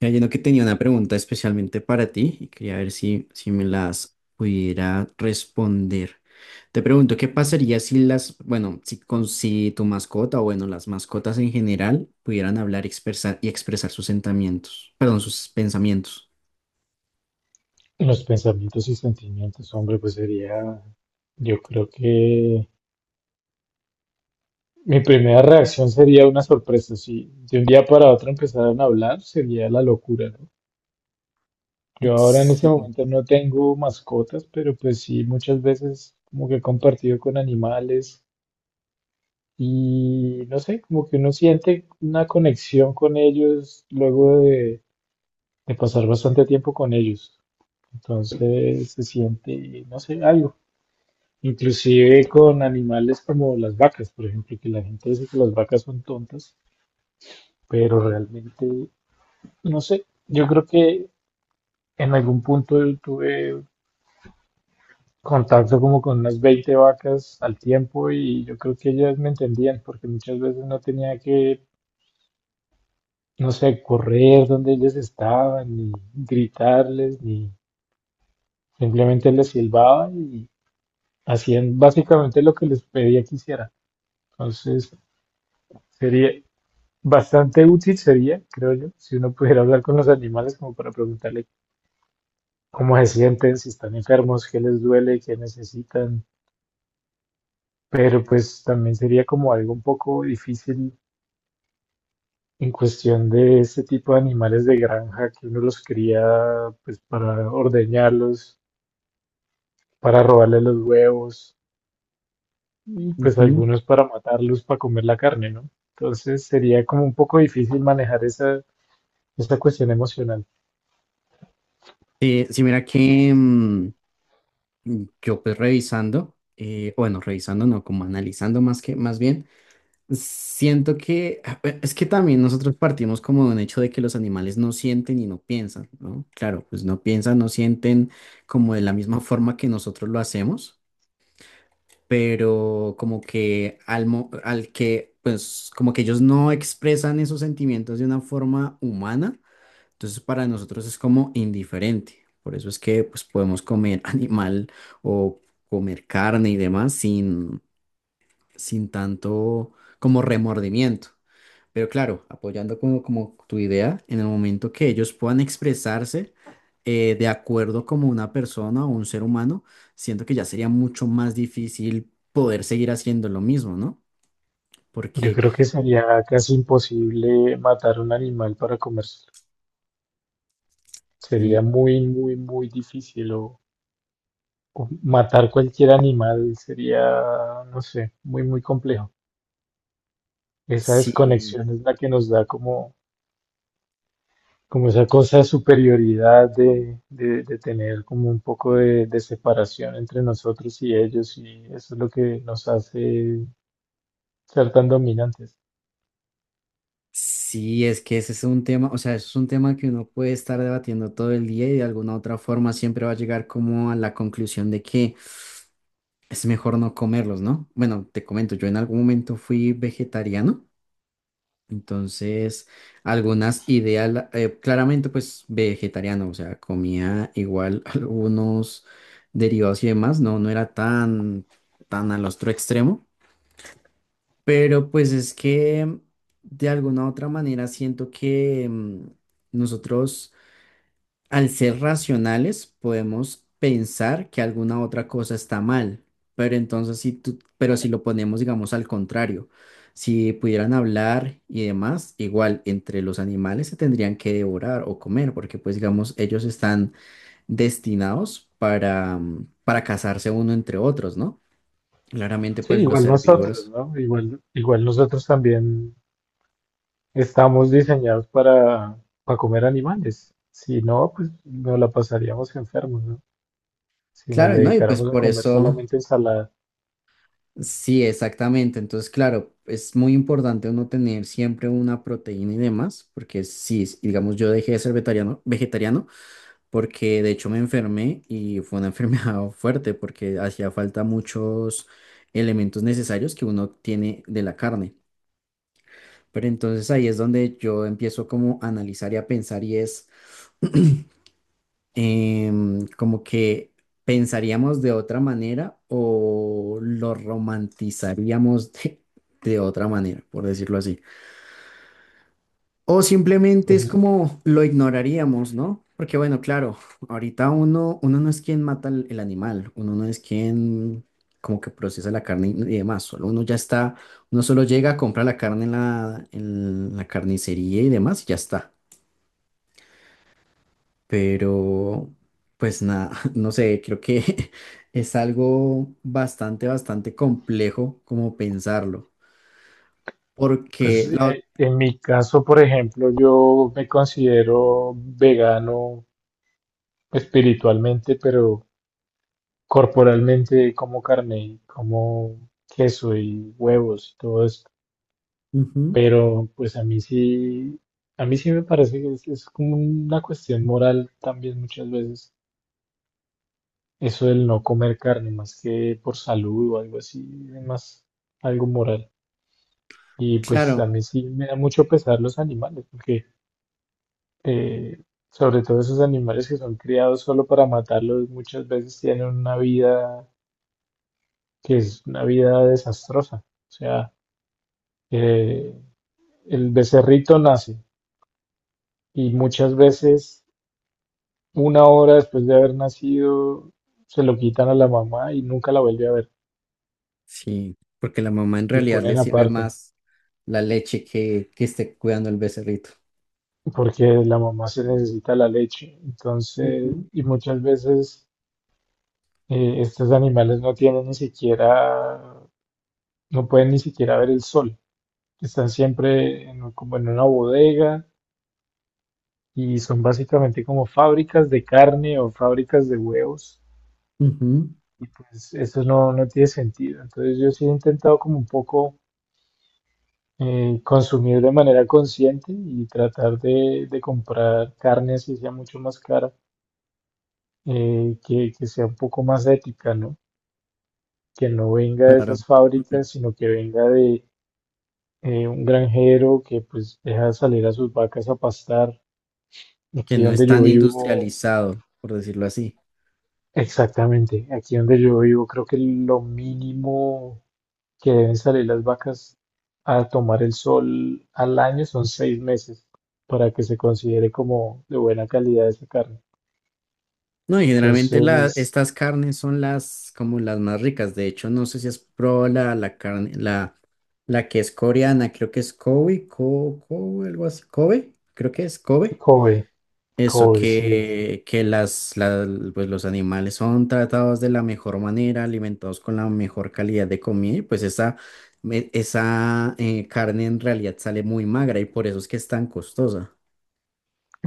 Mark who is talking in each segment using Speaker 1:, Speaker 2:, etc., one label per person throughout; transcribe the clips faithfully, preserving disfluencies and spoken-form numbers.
Speaker 1: Mira, Lleno que tenía una pregunta especialmente para ti y quería ver si, si me las pudiera responder. Te pregunto, ¿qué pasaría si las, bueno, si, con, si tu mascota o bueno, las mascotas en general pudieran hablar y expresar, y expresar sus sentimientos, perdón, sus pensamientos?
Speaker 2: Los pensamientos y sentimientos, hombre, pues sería, yo creo que mi primera reacción sería una sorpresa. Si de un día para otro empezaran a hablar, sería la locura, ¿no? Yo ahora en este
Speaker 1: Sí.
Speaker 2: momento no tengo mascotas, pero pues sí, muchas veces como que he compartido con animales y no sé, como que uno siente una conexión con ellos luego de, de pasar bastante tiempo con ellos. Entonces se siente, no sé, algo. Inclusive con animales como las vacas, por ejemplo, que la gente dice que las vacas son tontas, pero realmente, no sé, yo creo que en algún punto yo tuve contacto como con unas veinte vacas al tiempo y yo creo que ellas me entendían porque muchas veces no tenía que, no sé, correr donde ellas estaban, ni gritarles, ni simplemente les silbaba y hacían básicamente lo que les pedía que hiciera. Entonces, sería, bastante útil sería, creo yo, si uno pudiera hablar con los animales como para preguntarle cómo se sienten, si están enfermos, qué les duele, qué necesitan. Pero pues también sería como algo un poco difícil en cuestión de este tipo de animales de granja que uno los cría pues para ordeñarlos, para robarles los huevos y pues
Speaker 1: Ujú.
Speaker 2: algunos para matarlos, para comer la carne, ¿no? Entonces sería como un poco difícil manejar esa, esa cuestión emocional.
Speaker 1: Eh, sí, mira que mm, yo pues revisando, eh, bueno, revisando no, como analizando más que, más bien. Siento que ah, eh, es que también nosotros partimos como de un hecho de que los animales no sienten y no piensan, ¿no? Claro, pues no piensan, no sienten como de la misma forma que nosotros lo hacemos, pero como que al, mo- al que, pues como que ellos no expresan esos sentimientos de una forma humana, entonces para nosotros es como indiferente. Por eso es que pues podemos comer animal o comer carne y demás sin, sin tanto como remordimiento. Pero claro, apoyando como, como tu idea, en el momento que ellos puedan expresarse eh, de acuerdo como una persona o un ser humano, siento que ya sería mucho más difícil poder seguir haciendo lo mismo, ¿no?
Speaker 2: Yo
Speaker 1: Porque
Speaker 2: creo que sería casi imposible matar un animal para comérselo.
Speaker 1: y,
Speaker 2: Sería muy, muy, muy difícil. O, o matar cualquier animal sería, no sé, muy, muy complejo. Esa
Speaker 1: si,
Speaker 2: desconexión es la que nos da como, como esa cosa de superioridad de, de, de tener como un poco de, de separación entre nosotros y ellos. Y eso es lo que nos hace ser tan dominantes.
Speaker 1: si es que ese es un tema, o sea, es un tema que uno puede estar debatiendo todo el día y de alguna otra forma siempre va a llegar como a la conclusión de que es mejor no comerlos, ¿no? Bueno, te comento, yo en algún momento fui vegetariano. Entonces, algunas ideas, la- eh, claramente pues vegetariano, o sea, comía igual algunos derivados y demás, no, no era tan, tan al otro extremo, pero pues es que de alguna u otra manera siento que mm, nosotros al ser racionales, podemos pensar que alguna otra cosa está mal, pero entonces si tú, pero si lo ponemos, digamos, al contrario, si pudieran hablar y demás, igual entre los animales se tendrían que devorar o comer, porque pues digamos, ellos están destinados para, mm, para cazarse uno entre otros, ¿no? Claramente
Speaker 2: Sí,
Speaker 1: pues los
Speaker 2: igual nosotros,
Speaker 1: herbívoros.
Speaker 2: ¿no? Igual, igual nosotros también estamos diseñados para, para comer animales. Si no, pues nos la pasaríamos enfermos, ¿no? Si nos
Speaker 1: Claro, ¿no? Y pues
Speaker 2: dedicáramos a
Speaker 1: por
Speaker 2: comer
Speaker 1: eso...
Speaker 2: solamente ensalada.
Speaker 1: Sí, exactamente. Entonces, claro, es muy importante uno tener siempre una proteína y demás, porque sí, s- digamos, yo dejé de ser vegetariano, vegetariano porque de hecho me enfermé y fue una enfermedad fuerte porque hacía falta muchos elementos necesarios que uno tiene de la carne. Pero entonces ahí es donde yo empiezo como a analizar y a pensar y es... em, como que pensaríamos de otra manera o lo romantizaríamos de, de otra manera, por decirlo así. O simplemente
Speaker 2: Pues,
Speaker 1: es como lo ignoraríamos, ¿no? Porque bueno, claro, ahorita uno, uno no es quien mata el, el animal, uno no es quien como que procesa la carne y y demás, solo uno ya está, uno solo llega a comprar la carne en la, en la carnicería y demás y ya está. Pero, pues nada, no sé, creo que es algo bastante, bastante complejo como pensarlo,
Speaker 2: pues
Speaker 1: porque la... ot-
Speaker 2: eh, en mi caso, por ejemplo, yo me considero vegano espiritualmente, pero corporalmente como carne y como queso y huevos y todo esto.
Speaker 1: Ujú,
Speaker 2: Pero pues a mí sí, a mí sí me parece que es, es como una cuestión moral también muchas veces. Eso del no comer carne, más que por salud o algo así, es más algo moral. Y pues
Speaker 1: claro,
Speaker 2: a mí sí me da mucho pesar los animales, porque eh, sobre todo esos animales que son criados solo para matarlos, muchas veces tienen una vida que es una vida desastrosa. O sea, eh, el becerrito nace y muchas veces una hora después de haber nacido se lo quitan a la mamá y nunca la vuelve a ver,
Speaker 1: sí, porque la mamá en
Speaker 2: lo
Speaker 1: realidad le
Speaker 2: ponen
Speaker 1: sirve
Speaker 2: aparte.
Speaker 1: más la leche que, que esté cuidando el becerrito.
Speaker 2: Porque la mamá se necesita la leche. Entonces,
Speaker 1: Ujú,
Speaker 2: y muchas veces eh, estos animales no tienen ni siquiera, no pueden ni siquiera ver el sol. Están siempre en, un- como en una bodega y son básicamente como fábricas de carne o fábricas de huevos.
Speaker 1: ujú,
Speaker 2: Y pues eso no, no tiene sentido. Entonces yo sí he intentado como un poco eh, consumir de manera consciente y tratar de, de comprar carne así sea mucho más cara, eh, que, que sea un poco más ética, ¿no? Que no venga de
Speaker 1: claro,
Speaker 2: esas fábricas, sino que venga de eh, un granjero que pues deja salir a sus vacas a pastar.
Speaker 1: que
Speaker 2: Aquí
Speaker 1: no es
Speaker 2: donde yo
Speaker 1: tan
Speaker 2: vivo,
Speaker 1: industrializado, por decirlo así.
Speaker 2: exactamente, aquí donde yo vivo, creo que lo mínimo que deben salir las vacas a tomar el sol al año son seis meses para que se considere como de buena calidad esa carne.
Speaker 1: No, y generalmente la,
Speaker 2: Entonces,
Speaker 1: estas carnes son las como las más ricas. De hecho, no sé si has probado la, la carne, la, la que es coreana, creo que es Kobe, Ko- Kobe, algo así. Kobe, creo que es Kobe.
Speaker 2: Kobe,
Speaker 1: Eso
Speaker 2: Kobe, sí,
Speaker 1: que, que las, la- pues los animales son tratados de la mejor manera, alimentados con la mejor calidad de comida, y pues esa, me- esa eh, carne en realidad sale muy magra y por eso es que es tan costosa.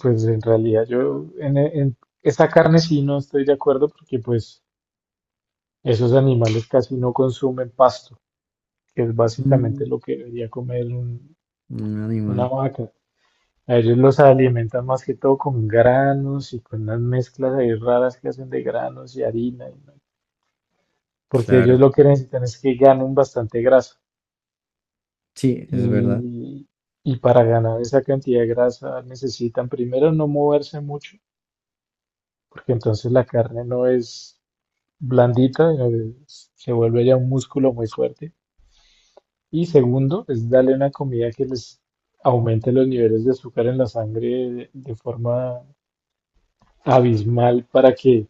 Speaker 2: pues en realidad yo en, en esa carne sí no estoy de acuerdo porque pues esos animales casi no consumen pasto, que es
Speaker 1: Mm,
Speaker 2: básicamente lo que debería comer un-
Speaker 1: un
Speaker 2: una
Speaker 1: animal,
Speaker 2: vaca. A ellos los alimentan más que todo con granos y con unas mezclas ahí raras que hacen de granos y harina, y no- porque ellos
Speaker 1: claro.
Speaker 2: lo que necesitan es que ganen bastante grasa.
Speaker 1: Sí, es verdad.
Speaker 2: Y, y para ganar esa cantidad de grasa necesitan primero no moverse mucho, porque entonces la carne no es blandita, eh, se vuelve ya un músculo muy fuerte. Y segundo, es darle una comida que les aumente los niveles de azúcar en la sangre de, de forma abismal para que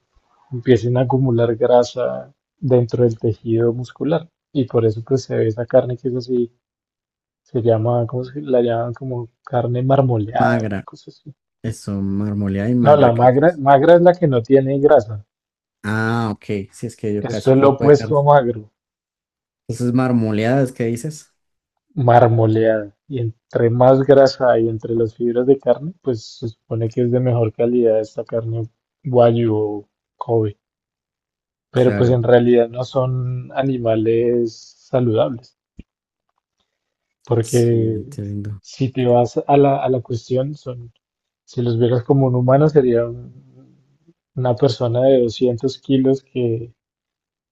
Speaker 2: empiecen a acumular grasa dentro del tejido muscular. Y por eso pues se ve esa carne que es así, se llama, ¿cómo se la llaman? Como carne marmoleada, una
Speaker 1: Magra.
Speaker 2: cosa así.
Speaker 1: Eso, marmoleada y
Speaker 2: No,
Speaker 1: magra,
Speaker 2: la
Speaker 1: creo que
Speaker 2: magra,
Speaker 1: es.
Speaker 2: magra es la que no tiene grasa.
Speaker 1: Ah, ok. Sí, es que yo
Speaker 2: Esto
Speaker 1: casi
Speaker 2: es lo
Speaker 1: poco de carne.
Speaker 2: opuesto a magro.
Speaker 1: Entonces, marmoleadas, ¿qué dices?
Speaker 2: Marmoleada. Y entre más grasa hay entre las fibras de carne, pues se supone que es de mejor calidad esta carne wagyu o Kobe. Pero pues
Speaker 1: Claro.
Speaker 2: en realidad no son animales saludables,
Speaker 1: Sí,
Speaker 2: porque
Speaker 1: entiendo.
Speaker 2: si te vas a la, a la cuestión, son, si los vieras como un humano, sería un- una persona de doscientos kilos que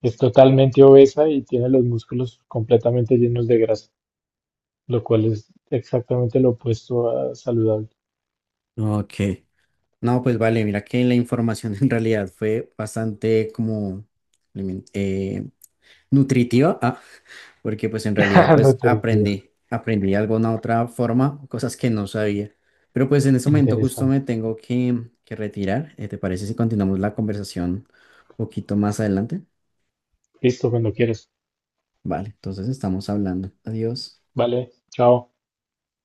Speaker 2: es totalmente obesa y tiene los músculos completamente llenos de grasa, lo cual es exactamente lo opuesto a saludable.
Speaker 1: Ok. No, pues vale, mira que la información en realidad fue bastante como alimen- eh, nutritiva, ah, porque pues en realidad
Speaker 2: No
Speaker 1: pues
Speaker 2: te digo.
Speaker 1: aprendí, aprendí de alguna otra forma, cosas que no sabía. Pero pues en este momento justo
Speaker 2: Interesante.
Speaker 1: me tengo que, que retirar. Eh, ¿te parece si continuamos la conversación un poquito más adelante?
Speaker 2: Listo, cuando quieres.
Speaker 1: Vale, entonces estamos hablando. Adiós.
Speaker 2: Vale, chao.